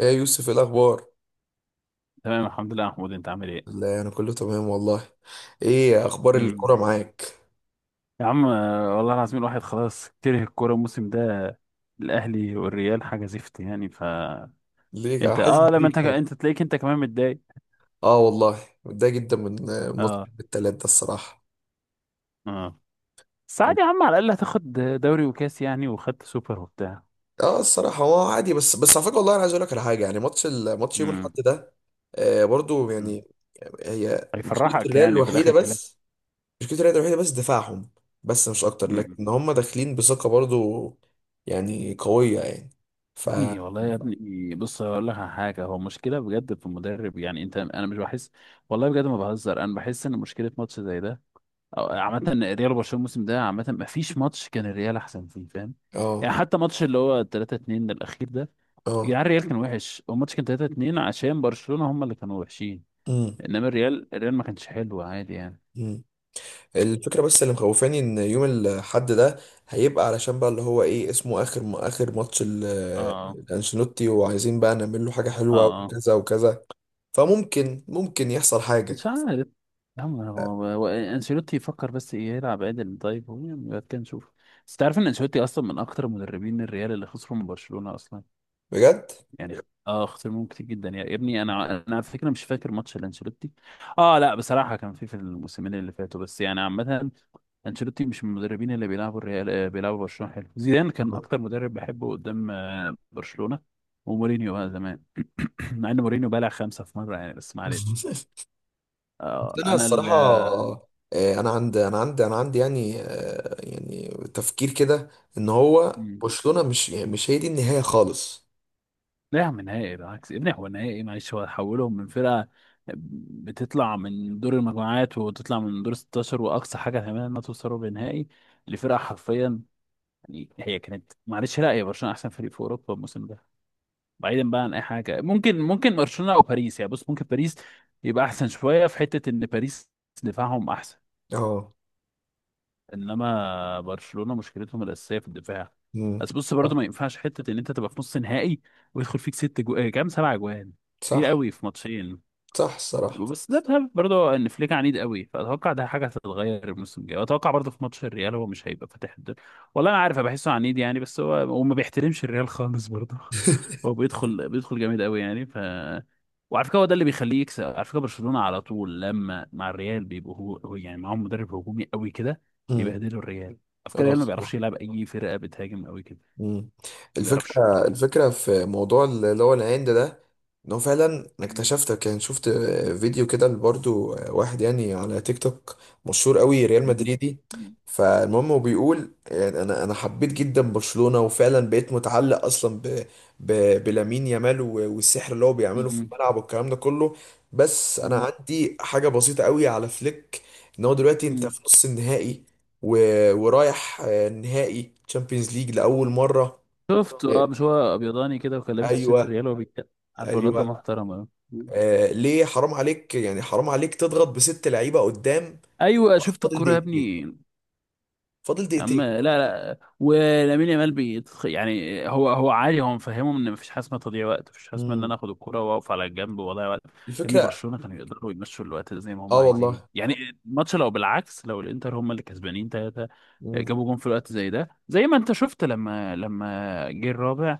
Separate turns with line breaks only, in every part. ايه يا يوسف، ايه الاخبار؟
تمام، الحمد لله يا محمود، انت عامل ايه؟
لا، انا كله تمام والله. ايه اخبار
مم.
الكوره معاك؟
يا عم والله العظيم، الواحد خلاص كره الكوره الموسم ده. الاهلي والريال حاجه زفت يعني.
ليه،
انت
حاسس
لما
بيك
انت
طبعا.
انت تلاقيك انت كمان متضايق.
اه والله. متضايق جدا من ماتش
اه.
التلات ده الصراحه.
اه. بس عادي يا عم، على الاقل هتاخد دوري وكاس يعني، وخدت سوبر وبتاع.
اه الصراحه هو عادي، بس على فكره، والله انا عايز اقول لك على حاجه، يعني ماتش يوم الاحد
امم.
ده، آه برضو
امم.
يعني. هي مشكله
هيفرحك
الريال
يعني في
الوحيده
الاخر كلاس.
بس. مشكله الريال الوحيده بس دفاعهم، بس مش اكتر،
امم.
لكن هم داخلين بثقه برضو، يعني قويه يعني. ف
يا ابني، والله يا ابني، بص هقول لك على حاجه، هو مشكله بجد في المدرب يعني. انت انا مش بحس. والله بجد ما بهزر، انا بحس ان مشكله ماتش زي ده. عامة الريال وبرشلونة الموسم ده، عامة ما فيش ماتش كان الريال أحسن فيه، فاهم؟
اه،
يعني حتى ماتش اللي هو 3-2 الأخير ده. يا
اه،
جدعان، الريال كان وحش، هو الماتش كان 3-2 عشان برشلونة هم اللي كانوا وحشين. إنما الريال ما كانش حلو عادي يعني.
امم الفكرة بس اللي مخوفاني ان يوم الحد ده هيبقى، علشان بقى اللي هو ايه اسمه، اخر
اه.
الانشيلوتي، وعايزين بقى نعمل له حاجة
اه.
حلوة
اه.
وكذا وكذا. فممكن يحصل حاجة.
مش عارف. يا عم، هو انشيلوتي يفكر بس إيه يلعب عدل. طيب هو يعني بعد كده نشوف. بس تعرف ان انشيلوتي اصلا من اكتر مدربين الريال اللي خسروا من برشلونة اصلا.
بجد،
يعني. اه، اختيار كتير جدا يا ابني، انا على فكره مش فاكر ماتش لانشيلوتي. اه لا بصراحه كان في الموسمين اللي فاتوا، بس يعني عامه. انشيلوتي مش من المدربين اللي بيلعبوا الريال، بيلعبوا برشلونه حلو. زيدان كان
آه.
اكتر مدرب بحبه قدام برشلونه. ومورينيو بقى زمان. مع ان مورينيو بلع 5 في مره يعني، بس ما علينا.
بس انا
انا ال.
الصراحة، انا عندي يعني يعني تفكير كده، ان هو
مم.
برشلونة مش هي دي النهاية خالص.
لا يا عم، نهائي بالعكس يا ابني، هو نهائي، معلش هو حولهم من فرقة بتطلع من دور المجموعات وتطلع من دور 16، وأقصى حاجة تعملها إنها توصل ربع نهائي لفرقة، حرفيا. يعني هي كانت معلش، لا، هي برشلونة أحسن فريق في أوروبا الموسم ده. بعيدا بقى عن أي حاجة، ممكن برشلونة أو باريس يعني. بص، ممكن باريس يبقى أحسن شوية في حتة إن باريس دفاعهم أحسن.
اه.
انما برشلونه مشكلتهم الاساسيه في الدفاع.
مم.
بس بص، برضه
صح،
ما ينفعش حته ان انت تبقى في نص نهائي ويدخل فيك ست جو... آه، كام سبع جوان، كتير
صح،
قوي في ماتشين.
صح الصراحة.
بس ده بسبب برضه ان فليك عنيد قوي، فاتوقع ده حاجه هتتغير الموسم الجاي، واتوقع برضه في ماتش الريال هو مش هيبقى فاتح الدنيا. والله انا عارف، أنا بحسه عنيد يعني، بس هو وما بيحترمش الريال خالص برضه. هو بيدخل جامد قوي يعني. وعلى فكره هو ده اللي بيخليه يكسب، على فكره برشلونه على طول لما مع الريال بيبقوا هو يعني معاهم مدرب هجومي قوي كده.
مم.
بيبهدلوا الريال، على فكره
اه
الريال ما بيعرفش
الصراحة.
يلعب اي فرقه بتهاجم قوي كده.
مم.
ما بيعرفش.
الفكرة في موضوع اللي هو العند ده، ان هو فعلا انا
مم.
اكتشفت، كان شفت فيديو كده برضو، واحد يعني على تيك توك، مشهور قوي، ريال
مم.
مدريدي.
مم.
فالمهم هو بيقول يعني، انا حبيت جدا برشلونة، وفعلا بقيت متعلق اصلا ب، ب، بلامين يامال، والسحر اللي هو بيعمله في الملعب والكلام ده كله. بس انا
مم.
عندي حاجة بسيطة قوي على فليك، ان هو دلوقتي انت
مم.
في نص النهائي، ورايح نهائي تشامبيونز ليج لأول مرة.
شفت،
إيه.
مش هو ابيضاني كده، وكان لابس تيشيرت
ايوه،
الريال وهو بيتكلم. عارف الواد ده
ايوه.
محترم أوي.
ليه، حرام عليك يعني، حرام عليك تضغط بست لعيبة قدام؟
ايوه
خلاص
شفت
فاضل
الكوره يا
دقيقتين،
ابني.
فاضل
يا عم،
دقيقتين.
لا لا، ولامين يامال يعني هو عادي، هو مفهمه ان مفيش حاجه اسمها تضييع وقت، مفيش حاجه اسمها ان
مم.
انا اخد الكرة واقف على الجنب واضيع وقت يا ابني.
الفكرة.
برشلونه كانوا يقدروا يمشوا الوقت ده زي ما هم
اه
عايزين
والله.
يعني. الماتش، لو بالعكس، لو الانتر هم اللي كسبانين 3،
مم.
جابوا جون في الوقت زي ده، زي ما انت شفت لما جه الرابع.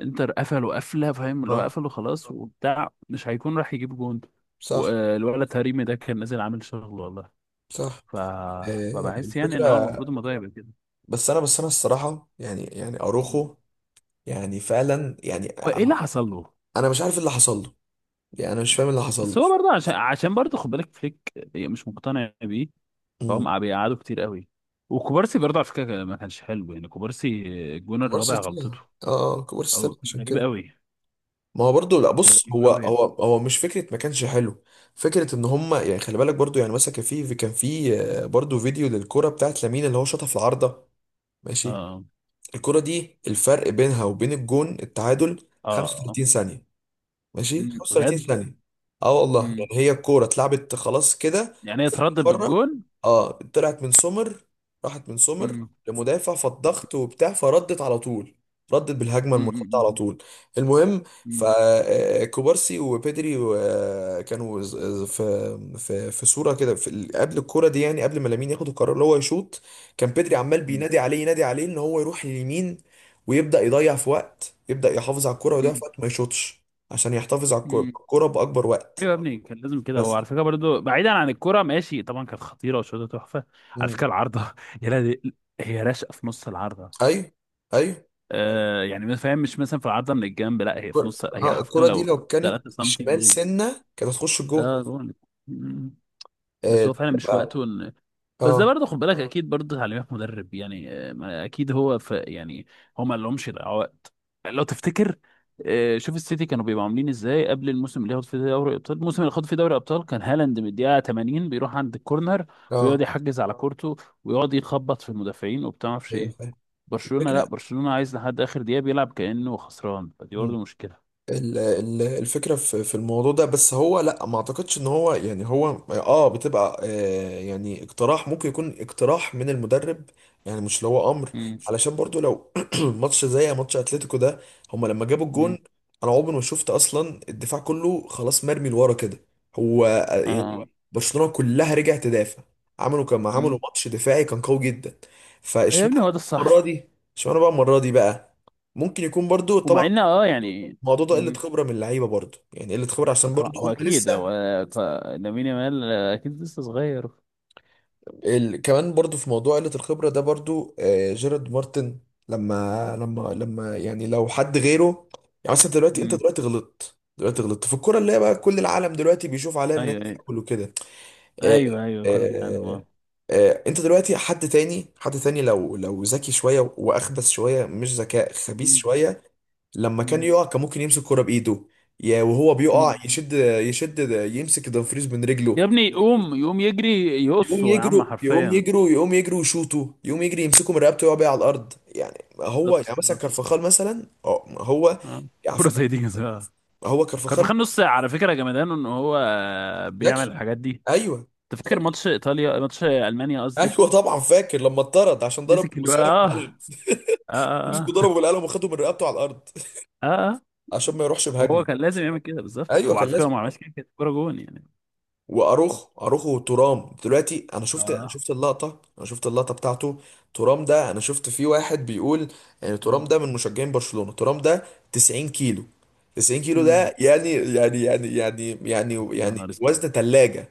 انتر قفلوا قفله، فاهم اللي هو
اه،
قفلوا خلاص وبتاع، مش هيكون راح يجيب جون.
صح،
والولد هريمي ده كان نازل عامل شغل والله.
صح.
ف...
آه
فبحس يعني
الفكرة.
ان هو المفروض الموضوع يبقى كده.
بس انا الصراحة، يعني اروخو، يعني فعلا يعني،
وايه اللي حصل له؟
انا مش عارف اللي حصل له، يعني انا مش فاهم اللي حصل له.
بس هو برضه عشان برضه خد بالك فليك مش مقتنع بيه.
مم.
فهم بيقعدوا كتير قوي. وكوبارسي برضه على فكره ما كانش حلو يعني، كوبارسي الجون
كبار
الرابع
ستة.
غلطته.
اه. كبار ستة
او
عشان
غريب
كده.
قوي.
ما هو برضه، لا
كان
بص،
غريب
هو
قوي.
هو هو مش فكره ما كانش حلو. فكره ان هم يعني، خلي بالك برضه، يعني مثلا كان في برضه فيديو للكره بتاعت لامين اللي هو شاطها في العارضه. ماشي.
اه.
الكره دي الفرق بينها وبين الجون التعادل
اه. آه.
35 ثانيه، ماشي 35
بجد؟
ثانيه. اه والله،
أمم.
يعني هي الكوره اتلعبت خلاص كده
يعني يتردد
بره.
بالجون.
اه، طلعت من سومر، راحت من سومر
أمم.
لمدافع، فالضغط وبتاع فردت على طول، ردت بالهجمه
أمم.
المنحطه
أمم.
على طول. المهم،
أمم.
فكوبارسي وبيدري كانوا في صوره كده، قبل الكوره دي، يعني قبل ما لامين ياخد القرار اللي هو يشوط، كان بيدري عمال بينادي عليه، ينادي عليه ان هو يروح لليمين، ويبدا يضيع في وقت، يبدا يحافظ على الكوره ويضيع في
أمم.
وقت ما يشوطش، عشان يحتفظ على
أمم.
الكوره باكبر
ايوه
وقت.
يا ابني، كان لازم كده، هو على
بس.
فكره برضه بعيدا عن الكوره، ماشي طبعا كانت خطيره وشوطه تحفه. على
مم.
فكره العارضه. يا لهوي! هي راشقه في نص العارضه.
ايوه، ايوه.
يعني ما فاهم، مش مثلا في عرضه من الجنب، لا هي في
الكرة،
نص، هي حرفيا
الكرة دي
لو
لو كانت
3 سم
بالشمال
جون.
سنة كانت هتخش الجون.
اه جون. مم. بس هو فعلا
الفكرة
مش
بقى.
وقته ان. بس ده
اه،
برضه خد بالك، اكيد برضه تعليمات مدرب يعني. ما اكيد هو في يعني. هو ما لهمش يضيعوا وقت. لو تفتكر. شوف السيتي كانوا بيبقوا عاملين ازاي قبل الموسم اللي ياخد فيه دوري ابطال، الموسم اللي خد فيه دوري ابطال كان هالاند من الدقيقه 80 بيروح عند الكورنر، ويقعد
اه،
يحجز على كورته، ويقعد يخبط في المدافعين وبتاع ما اعرفش
ايوه
ايه.
فاهم.
برشلونة، لا،
الفكرة،
برشلونة عايز لحد آخر دقيقة بيلعب كأنه خسران، فدي برضه مشكلة.
الفكرة في الموضوع ده، بس هو لا، ما اعتقدش ان هو يعني، هو بتبقى يعني اقتراح، ممكن يكون اقتراح من المدرب، يعني مش اللي هو امر.
مم.
علشان برضو لو ماتش زي ماتش اتلتيكو ده، هما لما جابوا الجون،
مم.
انا عمري ما شفت اصلا الدفاع كله خلاص مرمي لورا كده. هو
اه. آه.
يعني برشلونة كلها رجعت تدافع، عملوا كما عملوا
مم.
ماتش دفاعي كان قوي جدا.
يا ابني
فاشمعنى
هو ده
المرة
الصح.
دي، اشمعنى بقى المرة دي بقى؟ ممكن يكون برضو
ومع ان يعني.
الموضوع ده قله
مم.
خبره من اللعيبه برضو، يعني قله خبره، عشان
طبعا
برضو
هو
هم
اكيد
لسه.
هو. ف- لامين يامال اكيد لسه صغير.
كمان برضو في موضوع قله الخبره ده برضو، آه جيرارد مارتن، لما يعني لو حد غيره، يعني مثلا دلوقتي انت
مم.
دلوقتي غلطت، في الكوره اللي هي بقى كل العالم دلوقتي بيشوف عليها ان هي
ايوه، ايوه.
فاول وكده. آه،
ايوه، ايوه، كل عام.
آه،
آه.
آه. انت دلوقتي حد تاني، حد تاني، لو ذكي شويه واخبث شويه، مش ذكاء خبيث
مم.
شويه، لما كان
مم.
يقع كان ممكن يمسك كرة بايده، يا وهو بيقع
مم.
يشد، يشد، يمسك دومفريز من
يا
رجله،
ابني، يقوم يجري،
يقوم
يقصه يا عم،
يجروا، يقوم
حرفيا.
يجروا، يقوم يجروا، يشوطوا، يقوم يجري، يمسكوا من رقبته ويقع بيه على الارض. يعني هو، يعني
بالظبط،
مثلا
بالظبط.
كارفخال مثلا، اه هو
آه.
على
كرة
فكره،
زي دي كان.
هو كارفخال
كارفاخال نص ساعة، على فكرة جمدانه ان هو بيعمل
ذكي.
الحاجات دي.
ايوه،
تفكر
ذكي.
ماتش ايطاليا، ماتش المانيا قصدي.
ايوه طبعا، فاكر لما اتطرد عشان ضرب
مسك الولد،
موسيالا
اه.
بالقلم؟
اه.
مسكوا، ضربه
اه.
بالقلم وخدوا من رقبته على الارض،
اه. آه.
عشان ما يروحش
وهو
بهجمه.
كان لازم يعمل كده بالظبط،
ايوه
هو على
كان
فكره هو
لازم.
ما عملش كده كانت كوره جون يعني.
واروخو وترام، دلوقتي انا شفت انا
اه.
شفت اللقطه، انا شفت اللقطه بتاعته. ترام ده انا شفت فيه واحد بيقول يعني، ترام ده من مشجعين برشلونه، ترام ده 90 كيلو. 90 كيلو
امم.
ده، يعني يعني يعني يعني يعني
يا
يعني
نهار اسود!
وزن ثلاجه،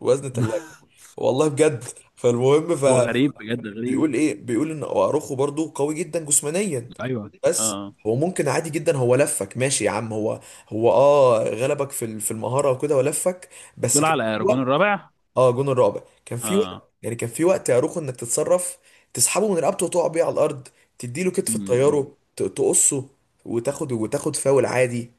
وزن ثلاجه. والله بجد. فالمهم،
هو غريب، بجد غريب.
فبيقول ايه؟ بيقول ان اروخو برضو قوي جدا جسمانيا،
ايوه.
بس
اه.
هو ممكن عادي جدا، هو لفك ماشي يا عم، هو غلبك في في المهاره وكده ولفك. بس
دول
كان
على رجون الرابع.
اه، جون الرعب كان في
اه.
وقت، يعني كان في وقت يا روخو انك تتصرف، تسحبه من رقبته وتقع بيه على الارض، تديله كتف
مم.
تطيره، تقصه، وتاخد فاول عادي،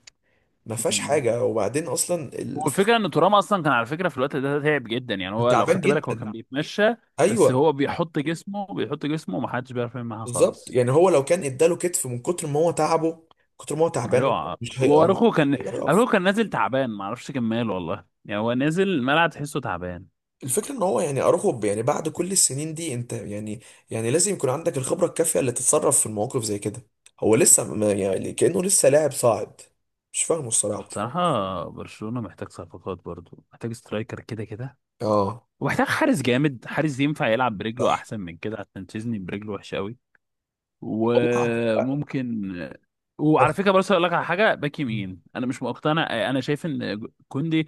ما فيهاش
مم.
حاجه. وبعدين اصلا
هو الفكره ان ترام اصلا كان على فكره في الوقت ده تعب جدا، يعني هو لو
تعبان
خدت بالك هو
جدا.
كان بيتمشى. بس
ايوه
هو بيحط جسمه، بيحط جسمه، ومحدش بيعرف يعمل معاه
بالظبط،
خالص.
يعني هو لو كان اداله كتف من كتر ما هو تعبه، من كتر ما هو تعبان
ايوه
مش هيقف، مش
واروخو كان.
هيقدر يقف.
اروخو كان نازل تعبان، ما اعرفش كان ماله والله، يعني هو نازل ملعب تحسه تعبان.
الفكرة ان هو يعني اراخو، يعني بعد كل السنين دي انت يعني، يعني لازم يكون عندك الخبرة الكافية اللي تتصرف في المواقف زي كده. هو لسه، ما يعني، كأنه لسه لاعب صاعد، مش فاهمه الصراحة.
وبصراحة برشلونة محتاج صفقات، برضو محتاج سترايكر كده كده.
اه
ومحتاج حارس جامد، حارس ينفع يلعب برجله
صح
احسن من كده، عشان تشيزني برجله وحشة قوي.
والله.
وممكن. وعلى
أعتقد
فكرة، بس اقول لك على حاجة، باك يمين انا مش مقتنع، انا شايف ان كوندي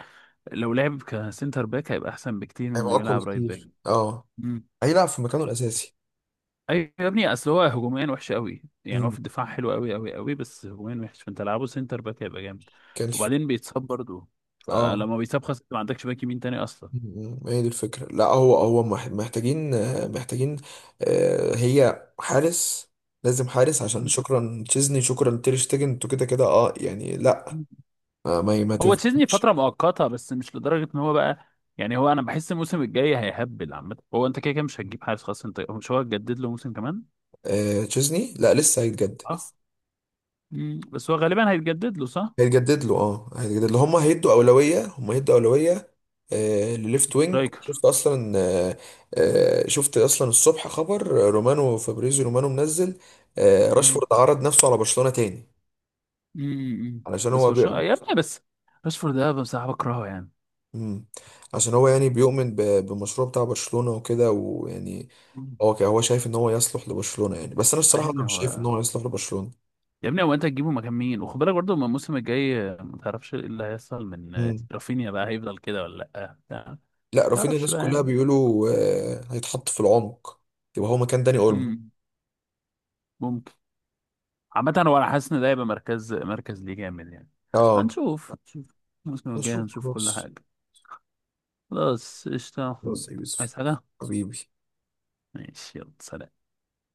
لو لعب كسنتر باك هيبقى احسن بكتير من
هيبقى
انه
اقوى
يلعب رايت باك.
بكتير، اه، هيلعب في مكانه الاساسي.
ايوه يا ابني، اصل هو هجوميا وحش قوي يعني، هو
امم.
في الدفاع حلو قوي قوي قوي، بس هجوميا وحش، فانت لعبه سنتر باك هيبقى جامد.
كان في...
وبعدين بيتصاب برضه.
اه،
فلما بيتصاب خلاص، أنت ما عندكش باك يمين تاني اصلا.
هي دي الفكرة، لا هو محتاجين، محتاجين، هي حارس، لازم حارس، عشان شكرا تشيزني، شكرا تير شتيجن، انتوا كده كده، اه يعني، لا ما
هو تشيزني فتره
تنفعش.
مؤقته بس، مش لدرجه ان هو بقى. يعني هو انا بحس الموسم الجاي هيهبل عامه، هو انت كده كده مش هتجيب حارس خلاص، انت مش هو هتجدد له موسم كمان.
تشيزني لا، لسه هيتجدد.
صح. مم. بس هو غالبا هيتجدد له، صح.
هيتجدد له، هيتجدد له، هم هيدوا أولوية، هم هيدوا أولوية. لليفت وينج،
رايكر.
شفت أصلا. آه شفت أصلا الصبح خبر، رومانو فابريزي، رومانو منزل،
مم.
راشفورد عرض نفسه على برشلونة تاني،
مم. مم.
علشان
بس
هو
برشلونه يا ابني بس. راشفورد ده بصراحه بكرهه يعني.
مم. عشان هو يعني بيؤمن بالمشروع بتاع برشلونة وكده، ويعني
مم.
هو هو شايف ان هو يصلح لبرشلونة يعني، بس انا
يا
الصراحة انا
ابني
مش شايف ان
هو.
هو يصلح لبرشلونة.
يا ابني هو، انت هتجيبه مكان مين؟ وخد بالك برضه من الموسم الجاي ما تعرفش ايه اللي هيحصل من رافينيا، بقى هيفضل كده ولا لا بتاع. ما
لا، رافينيا
تعرفش
الناس
بقى
كلها
يعني.
بيقولوا هيتحط في العمق، يبقى هو مكان داني اولمو.
مم. ممكن. عامة هو انا حاسس ان ده هيبقى مركز مركز ليه جامد يعني.
اه
هنشوف، هنشوف. الموسم الجاي
نشوف
هنشوف كل
خلاص.
حاجة. خلاص قشطة يا محمود.
خلاص يا
عايز
يوسف.
حاجة؟
حبيبي.
ماشي يلا سلام.